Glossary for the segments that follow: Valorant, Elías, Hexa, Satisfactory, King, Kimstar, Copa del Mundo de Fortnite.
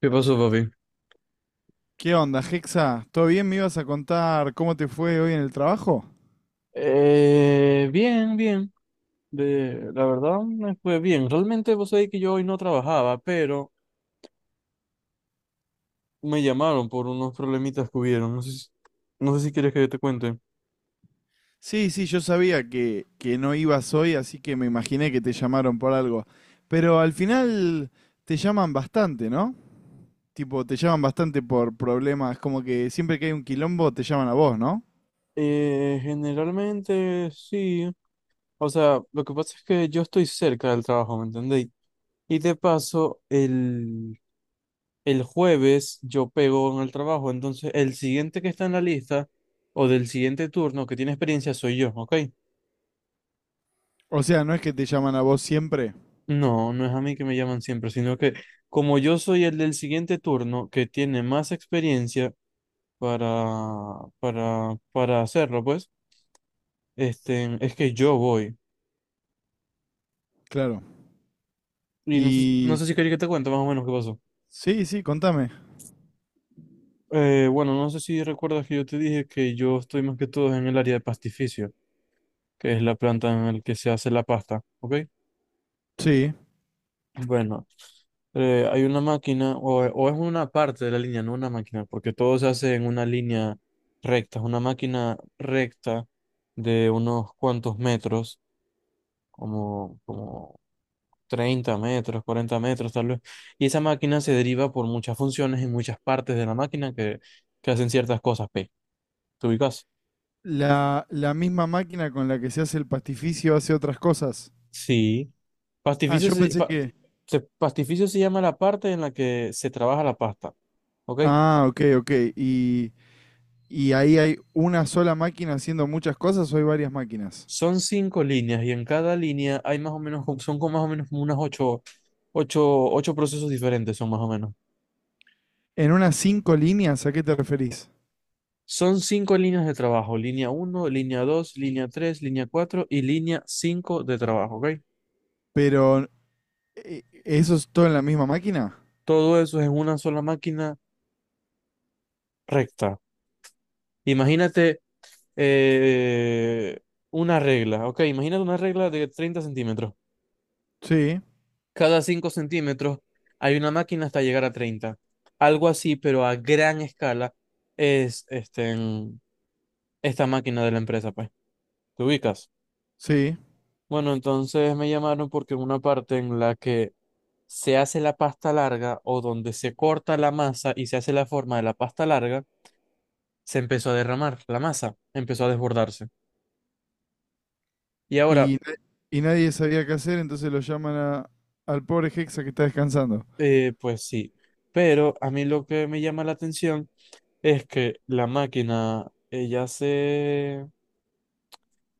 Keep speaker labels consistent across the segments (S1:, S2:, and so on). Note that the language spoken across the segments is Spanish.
S1: ¿Qué pasó, papi?
S2: ¿Qué onda, Hexa? ¿Todo bien? ¿Me ibas a contar cómo te fue hoy en el trabajo?
S1: Bien, bien. La verdad me fue bien. Realmente vos sabés que yo hoy no trabajaba, pero me llamaron por unos problemitas que hubieron. No sé si quieres que te cuente.
S2: Sí, sí, yo sabía que no ibas hoy, así que me imaginé que te llamaron por algo. Pero al final te llaman bastante, ¿no? Tipo, te llaman bastante por problemas, como que siempre que hay un quilombo te llaman a vos, ¿no?
S1: Generalmente sí. O sea, lo que pasa es que yo estoy cerca del trabajo, ¿me entendéis? Y de paso, el jueves yo pego en el trabajo, entonces el siguiente que está en la lista o del siguiente turno que tiene experiencia soy yo, ¿ok?
S2: O sea, no es que te llaman a vos siempre.
S1: No, no es a mí que me llaman siempre, sino que como yo soy el del siguiente turno que tiene más experiencia para hacerlo, pues, es que yo voy.
S2: Claro.
S1: Y no sé, no
S2: Y...
S1: sé si quería que te cuente más o menos qué pasó.
S2: sí, sí, contame.
S1: Bueno, no sé si recuerdas que yo te dije que yo estoy más que todo en el área de pastificio, que es la planta en la que se hace la pasta, ¿ok?
S2: Sí.
S1: Bueno, hay una máquina, o es una parte de la línea, no una máquina, porque todo se hace en una línea recta, es una máquina recta de unos cuantos metros, como 30 metros, 40 metros tal vez, y esa máquina se deriva por muchas funciones en muchas partes de la máquina que hacen ciertas cosas, P. ¿Te ubicas?
S2: La misma máquina con la que se hace el pastificio hace otras cosas.
S1: Sí.
S2: Ah,
S1: Pastificio
S2: yo
S1: se,
S2: pensé
S1: fa-
S2: que...
S1: pastificio se llama la parte en la que se trabaja la pasta, ¿ok?
S2: Ah, ok, ok. ¿Y ahí hay una sola máquina haciendo muchas cosas o hay varias máquinas?
S1: Son cinco líneas y en cada línea hay más o menos, son como más o menos como unas ocho procesos diferentes, son más o menos.
S2: En unas cinco líneas, ¿a qué te referís?
S1: Son cinco líneas de trabajo, línea uno, línea dos, línea tres, línea cuatro y línea cinco de trabajo, ¿ok?
S2: Pero, ¿eso es todo en la misma máquina?
S1: Todo eso es en una sola máquina recta. Imagínate eh, una regla, ¿ok? Imagínate una regla de 30 centímetros.
S2: Sí,
S1: Cada 5 centímetros hay una máquina hasta llegar a treinta. Algo así, pero a gran escala es esta máquina de la empresa, pues. ¿Te ubicas?
S2: sí.
S1: Bueno, entonces me llamaron porque en una parte en la que se hace la pasta larga o donde se corta la masa y se hace la forma de la pasta larga, se empezó a derramar la masa, empezó a desbordarse. Y ahora,
S2: Y, na- ¿Y nadie sabía qué hacer, entonces lo al pobre Hexa que está descansando?
S1: pues sí, pero a mí lo que me llama la atención es que la máquina, ella se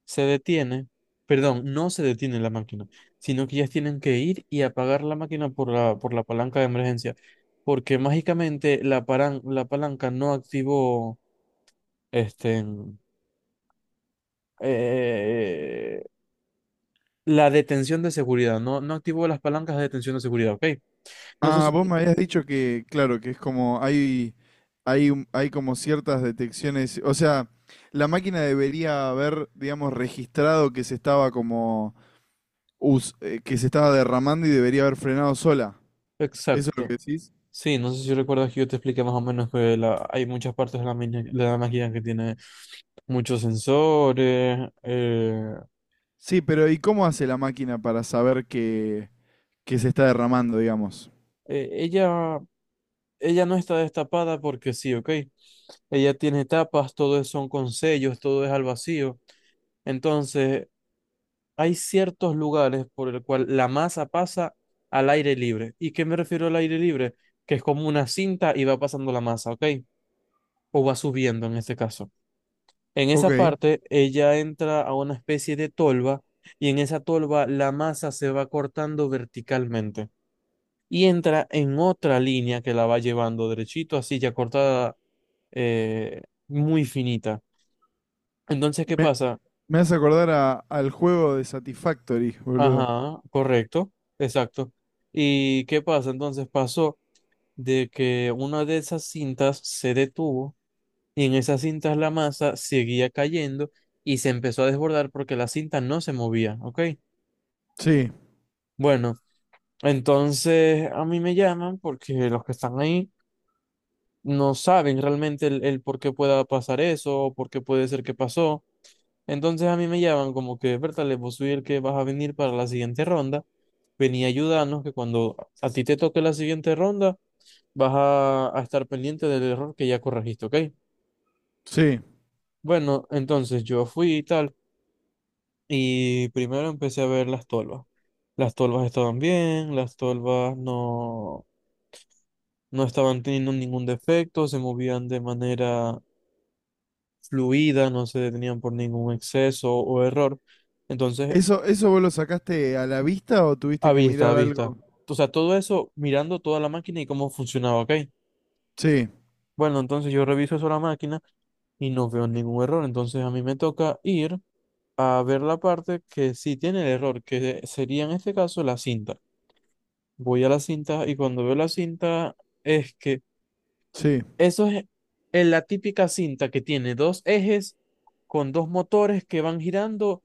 S1: se detiene, perdón, no se detiene la máquina, sino que ellas tienen que ir y apagar la máquina por por la palanca de emergencia, porque mágicamente la palanca no activó este, mm, eh, la detención de seguridad, no activó las palancas de detención de seguridad, ¿ok? No sé
S2: Ah, vos
S1: si...
S2: me habías dicho que, claro, que es como, hay como ciertas detecciones, o sea, la máquina debería haber, digamos, registrado que se estaba como que se estaba derramando y debería haber frenado sola. ¿Eso es lo
S1: Exacto.
S2: que decís?
S1: Sí, no sé si recuerdas que yo te expliqué más o menos que hay muchas partes de de la máquina que tiene muchos sensores.
S2: Sí, pero ¿y cómo hace la máquina para saber que se está derramando, digamos?
S1: Eh, ella Ella no está destapada porque sí, ¿ok? Ella tiene tapas, todo son con sellos, todo es al vacío. Entonces, hay ciertos lugares por el cual la masa pasa al aire libre. ¿Y qué me refiero al aire libre? Que es como una cinta y va pasando la masa, ¿ok? O va subiendo en este caso. En
S2: Ok.
S1: esa parte, ella entra a una especie de tolva y en esa tolva la masa se va cortando verticalmente y entra en otra línea que la va llevando derechito, así ya cortada, eh, muy finita. Entonces, ¿qué
S2: Me,
S1: pasa?
S2: me hace acordar al juego de Satisfactory, boludo.
S1: Ajá, correcto, exacto. ¿Y qué pasa? Entonces pasó de que una de esas cintas se detuvo y en esas cintas la masa seguía cayendo y se empezó a desbordar porque la cinta no se movía, ¿ok?
S2: Sí,
S1: Bueno, entonces a mí me llaman porque los que están ahí no saben realmente el por qué pueda pasar eso, o por qué puede ser que pasó. Entonces a mí me llaman como que, Bertale, vos soy el que vas a venir para la siguiente ronda, vení a ayudarnos, que cuando a ti te toque la siguiente ronda, vas a estar pendiente del error que ya corregiste, ¿ok?
S2: sí.
S1: Bueno, entonces yo fui y tal, y primero empecé a ver las tolvas. Las tolvas estaban bien, las tolvas no estaban teniendo ningún defecto, se movían de manera fluida, no se detenían por ningún exceso o error. Entonces,
S2: ¿Eso, ¿eso vos lo sacaste a la vista o
S1: a
S2: tuviste que
S1: vista, a
S2: mirar
S1: vista.
S2: algo?
S1: O sea, todo eso mirando toda la máquina y cómo funcionaba, ¿ok?
S2: Sí,
S1: Bueno, entonces yo reviso eso la máquina y no veo ningún error. Entonces a mí me toca ir a ver la parte que sí tiene el error, que sería en este caso la cinta. Voy a la cinta y cuando veo la cinta es que
S2: sí.
S1: eso es la típica cinta que tiene dos ejes con dos motores que van girando.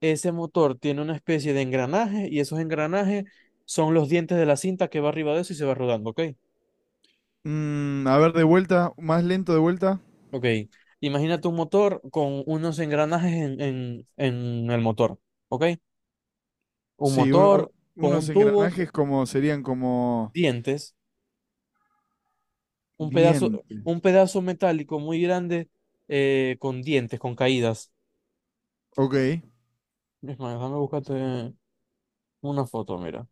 S1: Ese motor tiene una especie de engranaje y esos engranajes son los dientes de la cinta que va arriba de eso y se va rodando, ¿ok?
S2: Mm, a ver, de vuelta, más lento de vuelta.
S1: Ok. Imagínate un motor con unos engranajes en el motor, ¿ok? Un
S2: Sí,
S1: motor con
S2: unos
S1: un tubo,
S2: engranajes como serían como
S1: dientes, un pedazo,
S2: dientes.
S1: un pedazo metálico muy grande, con dientes, con caídas.
S2: Ok.
S1: Es más, déjame buscarte una foto, mira.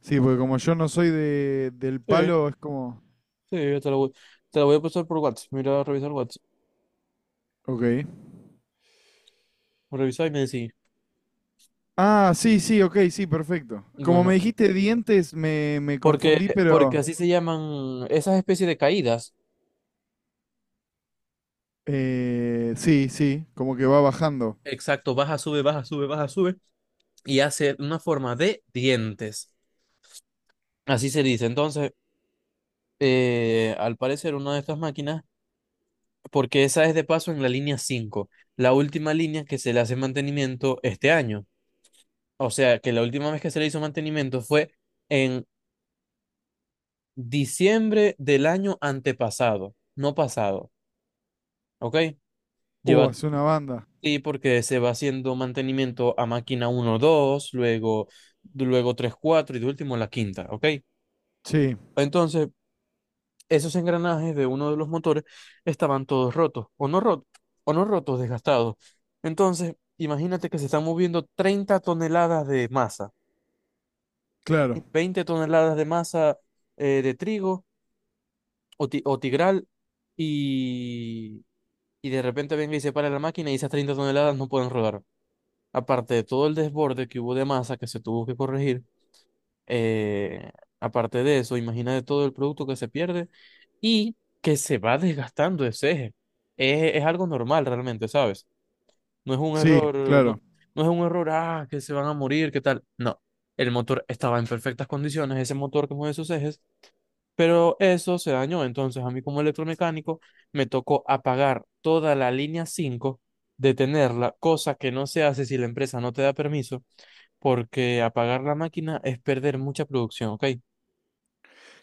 S2: Sí, porque como yo no soy de, del
S1: Sí,
S2: palo, es como...
S1: sí, yo te la voy a pasar por WhatsApp. Mira, revisar WhatsApp.
S2: Ok.
S1: Revisa y me decís.
S2: Ah, sí, sí, ok, sí, perfecto. Como me
S1: Bueno,
S2: dijiste dientes, me
S1: Porque,
S2: confundí,
S1: porque
S2: pero...
S1: así se llaman esas especies de caídas.
S2: sí, sí, como que va bajando.
S1: Exacto, baja, sube, baja, sube, baja, sube. Y hace una forma de dientes. Así se dice. Entonces, al parecer, una de estas máquinas, porque esa es de paso en la línea cinco, la última línea que se le hace mantenimiento este año. O sea, que la última vez que se le hizo mantenimiento fue en diciembre del año antepasado, no pasado. ¿Ok? Lleva
S2: Hace una banda.
S1: Sí, porque se va haciendo mantenimiento a máquina uno, dos, luego tres, 4 y de último la quinta, ¿ok?
S2: Sí,
S1: Entonces, esos engranajes de uno de los motores estaban todos rotos, o no rotos, desgastados. Entonces, imagínate que se están moviendo 30 toneladas de masa,
S2: claro.
S1: 20 toneladas de masa, de trigo o tigral, y, y de repente venga y se para la máquina y esas 30 toneladas no pueden rodar. Aparte de todo el desborde que hubo de masa que se tuvo que corregir, eh, aparte de eso, imagínate todo el producto que se pierde y que se va desgastando ese eje. Es algo normal realmente, ¿sabes? No es un
S2: Sí,
S1: error, no,
S2: claro.
S1: no es un error, ah, que se van a morir, ¿qué tal? No, el motor estaba en perfectas condiciones, ese motor que mueve sus ejes, pero eso se dañó. Entonces, a mí como electromecánico me tocó apagar toda la línea 5, detenerla, cosa que no se hace si la empresa no te da permiso porque apagar la máquina es perder mucha producción, ¿ok?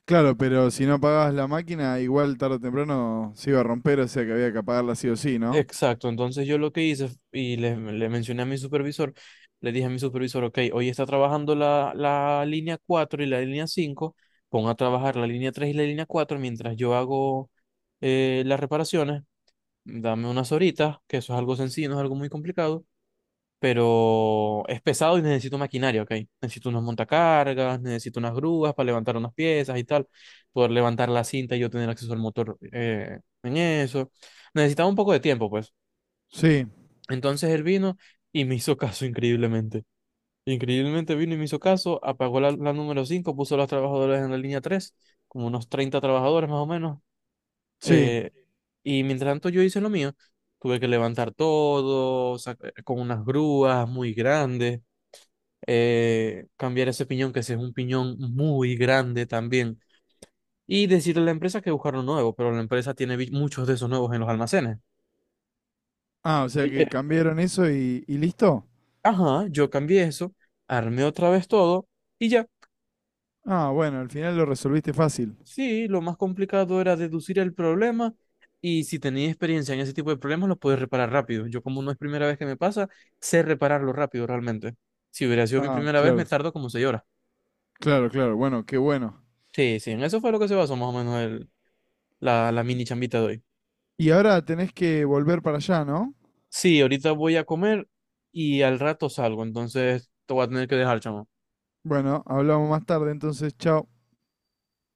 S2: Claro, pero si no apagabas la máquina, igual tarde o temprano se iba a romper, o sea que había que apagarla sí o sí, ¿no?
S1: Exacto, entonces yo lo que y le mencioné a mi supervisor, le dije a mi supervisor, ok, hoy está trabajando la línea 4 y la línea 5, pon a trabajar la línea 3 y la línea 4 mientras yo hago las reparaciones, dame unas horitas, que eso es algo sencillo, no es algo muy complicado, pero es pesado y necesito maquinaria, ¿ok? Necesito unos montacargas, necesito unas grúas para levantar unas piezas y tal, poder levantar la cinta y yo tener acceso al motor, en eso. Necesitaba un poco de tiempo, pues.
S2: Sí,
S1: Entonces él vino y me hizo caso increíblemente. Increíblemente vino y me hizo caso, apagó la número 5, puso a los trabajadores en la línea 3, como unos 30 trabajadores más o menos.
S2: sí.
S1: eh, y mientras tanto yo hice lo mío, tuve que levantar todo, con unas grúas muy grandes, cambiar ese piñón, que ese es un piñón muy grande también, y decirle a la empresa que buscar uno nuevo, pero la empresa tiene muchos de esos nuevos en los almacenes.
S2: Ah, o sea
S1: Eh, eh,
S2: que cambiaron eso y listo.
S1: Ajá, yo cambié eso, armé otra vez todo y ya.
S2: Ah, bueno, al final lo resolviste fácil.
S1: Sí, lo más complicado era deducir el problema y si tenía experiencia en ese tipo de problemas, lo puedes reparar rápido. Yo como no es primera vez que me pasa, sé repararlo rápido realmente. Si hubiera sido mi
S2: Ah,
S1: primera vez, me
S2: claro.
S1: tardo como 6 horas.
S2: Claro, claro. Bueno, qué bueno.
S1: Sí, sí, en eso fue lo que se basó más o menos la mini chambita de hoy.
S2: Y ahora tenés que volver para allá, ¿no?
S1: Sí, ahorita voy a comer y al rato salgo, entonces te voy a tener que dejar, chamo.
S2: Bueno, hablamos más tarde, entonces, chao.